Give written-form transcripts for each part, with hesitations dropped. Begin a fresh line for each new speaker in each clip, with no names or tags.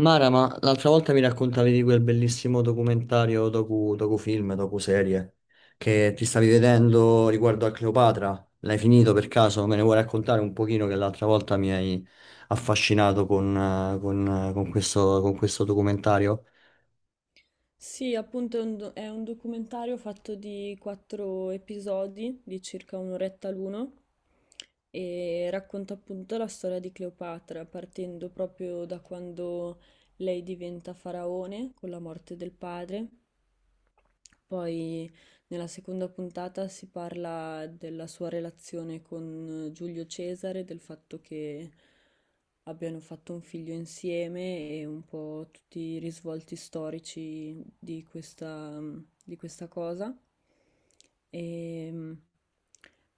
Mara, ma l'altra volta mi raccontavi di quel bellissimo documentario, docufilm, docuserie che ti stavi vedendo riguardo a Cleopatra. L'hai finito per caso? Me ne vuoi raccontare un pochino che l'altra volta mi hai affascinato con con questo documentario?
Sì, appunto è un documentario fatto di quattro episodi di circa un'oretta l'uno e racconta appunto la storia di Cleopatra, partendo proprio da quando lei diventa faraone con la morte del padre. Poi nella seconda puntata si parla della sua relazione con Giulio Cesare, del fatto che abbiano fatto un figlio insieme e un po' tutti i risvolti storici di questa cosa. E mm,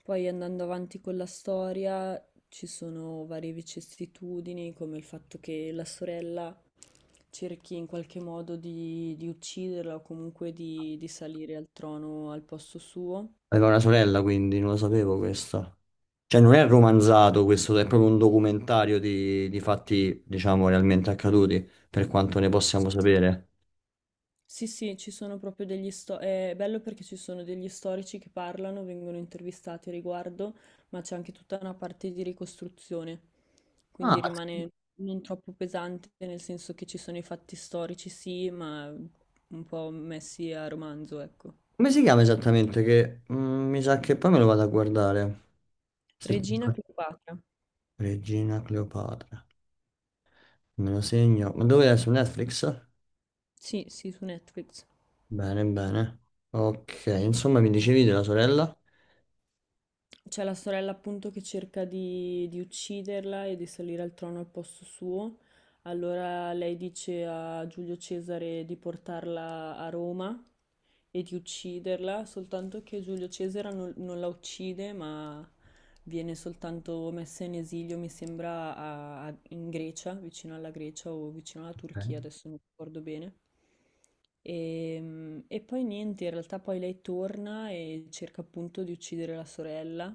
Poi andando avanti con la storia ci sono varie vicissitudini, come il fatto che la sorella cerchi in qualche modo di ucciderla o comunque di salire al trono al posto suo.
Aveva una sorella, quindi non lo sapevo questo. Cioè, non è romanzato questo, è proprio un documentario di fatti, diciamo, realmente accaduti, per quanto ne possiamo sapere.
Sì, sì, ci sono proprio degli sto è bello perché ci sono degli storici che parlano, vengono intervistati a riguardo, ma c'è anche tutta una parte di ricostruzione.
Ah,
Quindi rimane non troppo pesante, nel senso che ci sono i fatti storici, sì, ma un po' messi a romanzo, ecco.
come si chiama esattamente? Che mi sa che poi me lo vado a guardare. Se-
Regina Cleopatra.
Regina Cleopatra. Me lo segno. Ma dove è? Su Netflix?
Sì, sì, su Netflix.
Bene, bene. Ok, insomma, mi dicevi della sorella?
C'è la sorella appunto che cerca di ucciderla e di salire al trono al posto suo. Allora lei dice a Giulio Cesare di portarla a Roma e di ucciderla, soltanto che Giulio Cesare non la uccide, ma viene soltanto messa in esilio, mi sembra, in Grecia, vicino alla Grecia o vicino alla Turchia,
Ok.
adesso non ricordo bene. E poi niente, in realtà poi lei torna e cerca appunto di uccidere la sorella.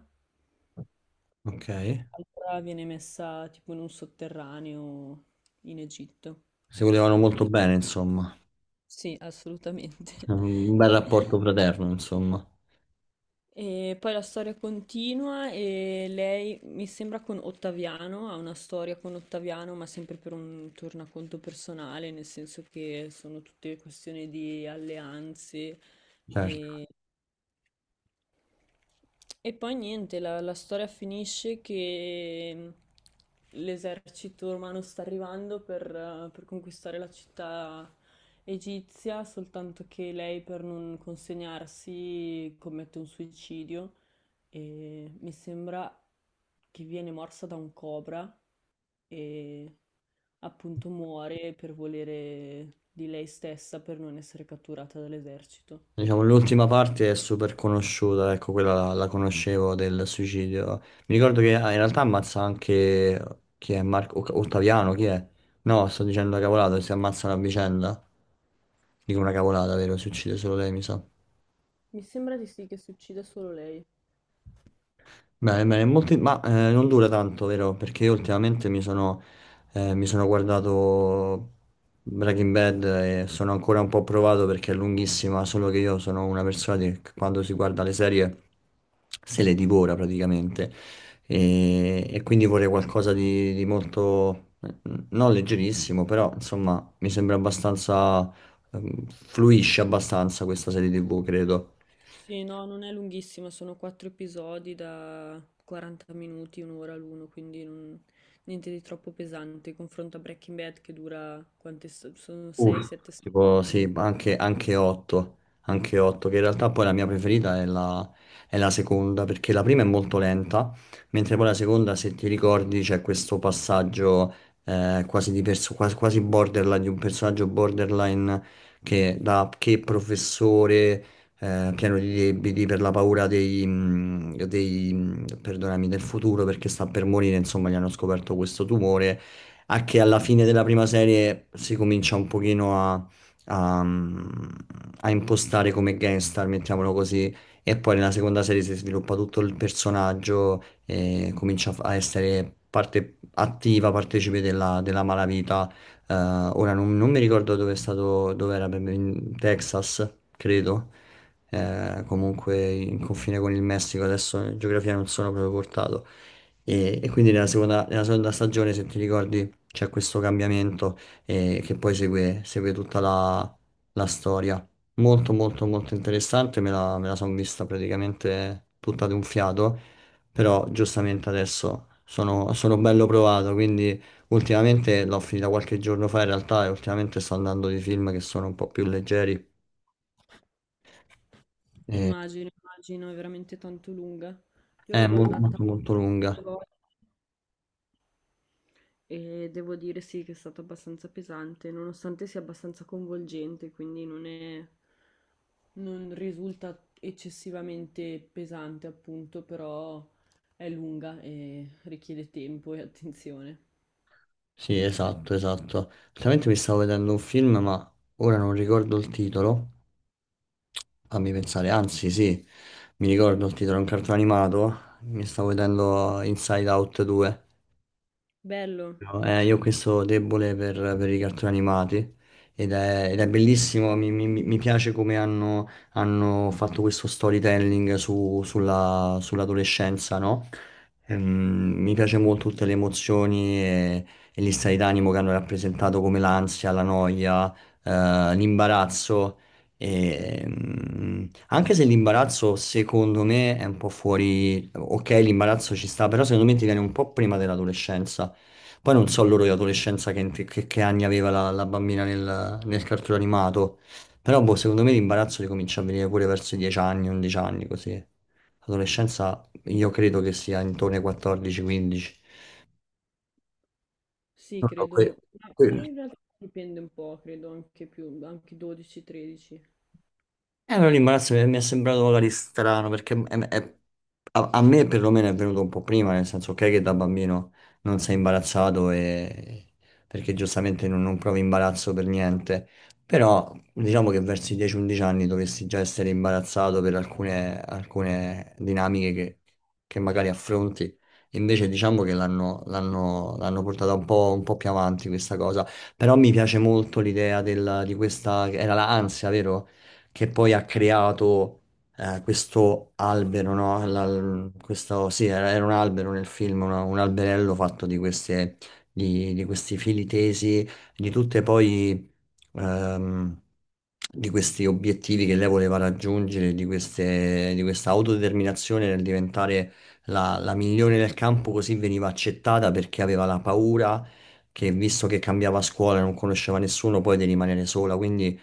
Ok.
Allora viene messa tipo in un sotterraneo in Egitto.
Si volevano molto bene, insomma.
Sì, assolutamente.
Un bel rapporto fraterno, insomma.
E poi la storia continua e lei, mi sembra con Ottaviano, ha una storia con Ottaviano, ma sempre per un tornaconto personale, nel senso che sono tutte questioni di alleanze.
Certo.
E, e poi niente, la storia finisce che l'esercito romano sta arrivando per conquistare la città egizia, soltanto che lei per non consegnarsi commette un suicidio e mi sembra che viene morsa da un cobra e appunto muore per volere di lei stessa per non essere catturata dall'esercito.
Diciamo, l'ultima parte è super conosciuta, ecco, quella la conoscevo del suicidio. Mi ricordo che ah, in realtà ammazza anche chi è Ottaviano, chi è? No, sto dicendo una cavolata, si ammazzano a vicenda. Dico una cavolata, vero? Si uccide solo lei, mi sa.
Mi sembra di sì che si uccida solo lei.
Bene, bene, ma non dura tanto, vero? Perché io ultimamente mi sono guardato Breaking Bad e sono ancora un po' provato perché è lunghissima, solo che io sono una persona che quando si guarda le serie se le divora praticamente e quindi vorrei qualcosa di molto, non leggerissimo, però insomma mi sembra abbastanza, fluisce abbastanza questa serie TV, credo.
Sì, no, non è lunghissima, sono quattro episodi da 40 minuti, un'ora l'uno, quindi niente di troppo pesante. Confronto a Breaking Bad che dura sono
Uff,
6-7
tipo
stagioni.
sì, anche 8, anche 8, che in realtà poi la mia preferita è la seconda, perché la prima è molto lenta, mentre poi la seconda, se ti ricordi, c'è questo passaggio quasi borderline, di un personaggio borderline che professore pieno di debiti per la paura dei, perdonami, del futuro perché sta per morire, insomma, gli hanno scoperto questo tumore a che alla fine della prima serie si comincia un pochino a- mm, a impostare come gangstar, mettiamolo così, e poi nella seconda serie si sviluppa tutto il personaggio e comincia a essere parte attiva, partecipe della malavita. Ora non mi ricordo dove era, in Texas, credo. Comunque in confine con il Messico, adesso in geografia non sono proprio portato. E quindi nella seconda stagione, se ti ricordi, c'è questo cambiamento che poi segue, segue la storia. Molto molto molto interessante, me la sono vista praticamente tutta ad un fiato, però giustamente adesso sono bello provato, quindi ultimamente l'ho finita qualche giorno fa in realtà e ultimamente sto andando di film che sono un po' più leggeri. E-
Immagino, immagino, è veramente tanto lunga. Io
è
l'ho guardata
molto molto
due
lunga.
volte e devo dire sì che è stata abbastanza pesante, nonostante sia abbastanza coinvolgente, quindi non risulta eccessivamente pesante, appunto, però è lunga e richiede tempo e attenzione.
Sì, esatto, esatto. Ultimamente mi stavo vedendo un film, ma ora non ricordo il titolo. Fammi pensare, anzi sì, mi ricordo, il titolo è un cartone animato, mi stavo vedendo Inside Out 2.
Bello,
No, io ho questo debole per i cartoni animati ed è bellissimo, mi piace come hanno, hanno fatto questo storytelling sull'adolescenza, no? Ehm, mi piace molto tutte le emozioni e gli stati d'animo che hanno rappresentato come l'ansia, la noia, l'imbarazzo. E, mm, anche se l'imbarazzo secondo me è un po' fuori, ok, l'imbarazzo ci sta, però secondo me ti viene un po' prima dell'adolescenza. Poi non so loro di adolescenza che anni aveva la bambina nel cartone animato, però boh, secondo me l'imbarazzo li comincia a venire pure verso i 10 anni, 11 anni così. L'adolescenza io credo che sia intorno ai 14-15.
sì,
No, no,
credo, ma
que-
in realtà dipende un po', credo anche più, anche 12-13.
eh, no, l'imbarazzo mi è sembrato magari strano perché a, a me perlomeno è venuto un po' prima, nel senso ok che da bambino non sei imbarazzato perché giustamente non provi imbarazzo per niente, però diciamo che verso i 10-11 anni dovresti già essere imbarazzato per alcune dinamiche che magari affronti, invece diciamo che l'hanno portata un po' più avanti questa cosa, però mi piace molto l'idea era l'ansia, vero? Che poi ha creato questo albero, no? Era un albero nel film, un alberello fatto di queste, di questi fili tesi, di tutte poi, ehm, di questi obiettivi che lei voleva raggiungere, di questa autodeterminazione nel diventare la migliore nel campo, così veniva accettata perché aveva la paura che, visto che cambiava scuola e non conosceva nessuno, poi di rimanere sola, quindi...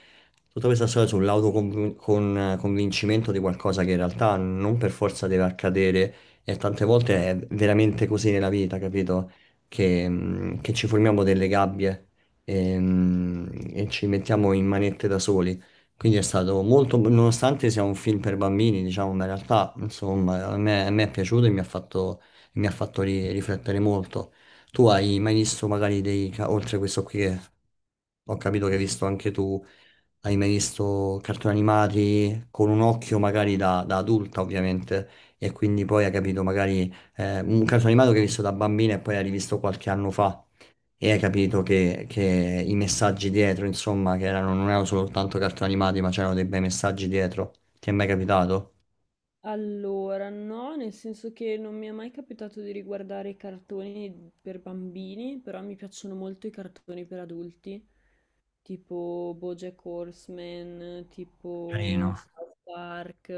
Tutta questa storia sull'convincimento di qualcosa che in realtà non per forza deve accadere e tante volte è veramente così nella vita, capito? Che ci formiamo delle gabbie e ci mettiamo in manette da soli. Quindi è stato molto, nonostante sia un film per bambini, diciamo, ma in realtà, insomma, a me è piaciuto e mi ha fatto, riflettere molto. Tu hai mai visto magari oltre a questo qui che ho capito che hai visto anche tu, hai mai visto cartoni animati con un occhio magari da adulta ovviamente e quindi poi hai capito magari un cartone animato che hai visto da bambina e poi hai rivisto qualche anno fa e hai capito che i messaggi dietro insomma che erano, non erano soltanto cartoni animati ma c'erano dei bei messaggi dietro. Ti è mai capitato?
Allora, no, nel senso che non mi è mai capitato di riguardare i cartoni per bambini, però mi piacciono molto i cartoni per adulti, tipo BoJack Horseman, tipo
Carino.
South Park,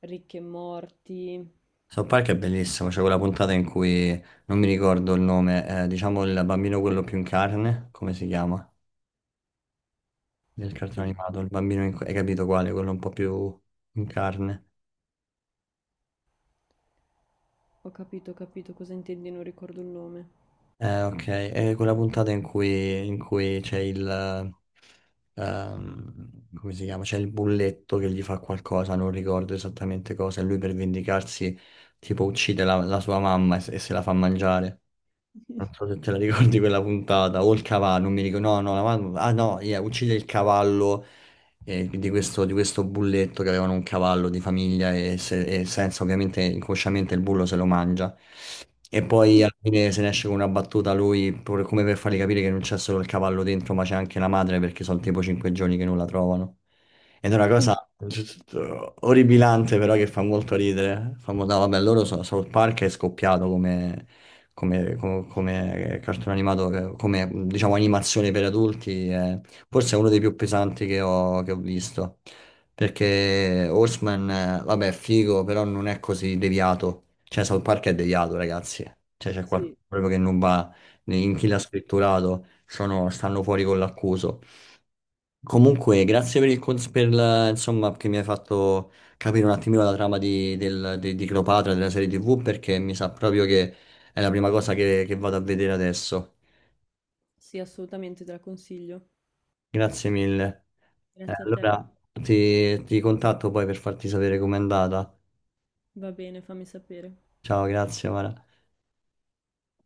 Rick e Morty.
South Park è bellissimo, c'è quella puntata in cui non mi ricordo il nome, diciamo il bambino quello più in carne, come si chiama? Del cartone
Oddio,
animato, il bambino, hai capito quale? Quello un po' più in carne.
ho capito cosa intendi, non ricordo il nome.
Ok, è quella puntata in cui c'è il... come si chiama? C'è il bulletto che gli fa qualcosa, non ricordo esattamente cosa, e lui per vendicarsi tipo uccide la sua mamma e, se la fa mangiare. Non so se te la ricordi quella puntata, o il cavallo, non mi ricordo, no, no, la mamma- ah no, yeah, uccide il cavallo di questo bulletto che avevano un cavallo di famiglia e, e senza ovviamente inconsciamente il bullo se lo mangia. E poi alla fine se ne esce con una battuta lui, come per fargli capire che non c'è solo il cavallo dentro, ma c'è anche la madre perché sono tipo 5 giorni che non la trovano. Ed è una cosa orribilante però che fa molto ridere. Fa molto... no, vabbè, loro so, South Park è scoppiato come come cartone animato, come diciamo animazione per adulti, forse è uno dei più pesanti che ho visto. Perché Horseman, vabbè, è figo, però non è così deviato. Cioè, South Park è deviato, ragazzi. Cioè, c'è qualcosa
Sì.
proprio che non va in chi l'ha scritturato, stanno fuori con l'accuso. Comunque, grazie per il insomma, che mi hai fatto capire un attimino la trama di Cleopatra, della serie TV, perché mi sa proprio che è la prima cosa che vado a vedere adesso.
Sì, assolutamente te la consiglio.
Grazie mille.
Grazie a te.
Allora ti contatto poi per farti sapere com'è andata.
Va bene, fammi sapere.
Ciao, grazie, Mara.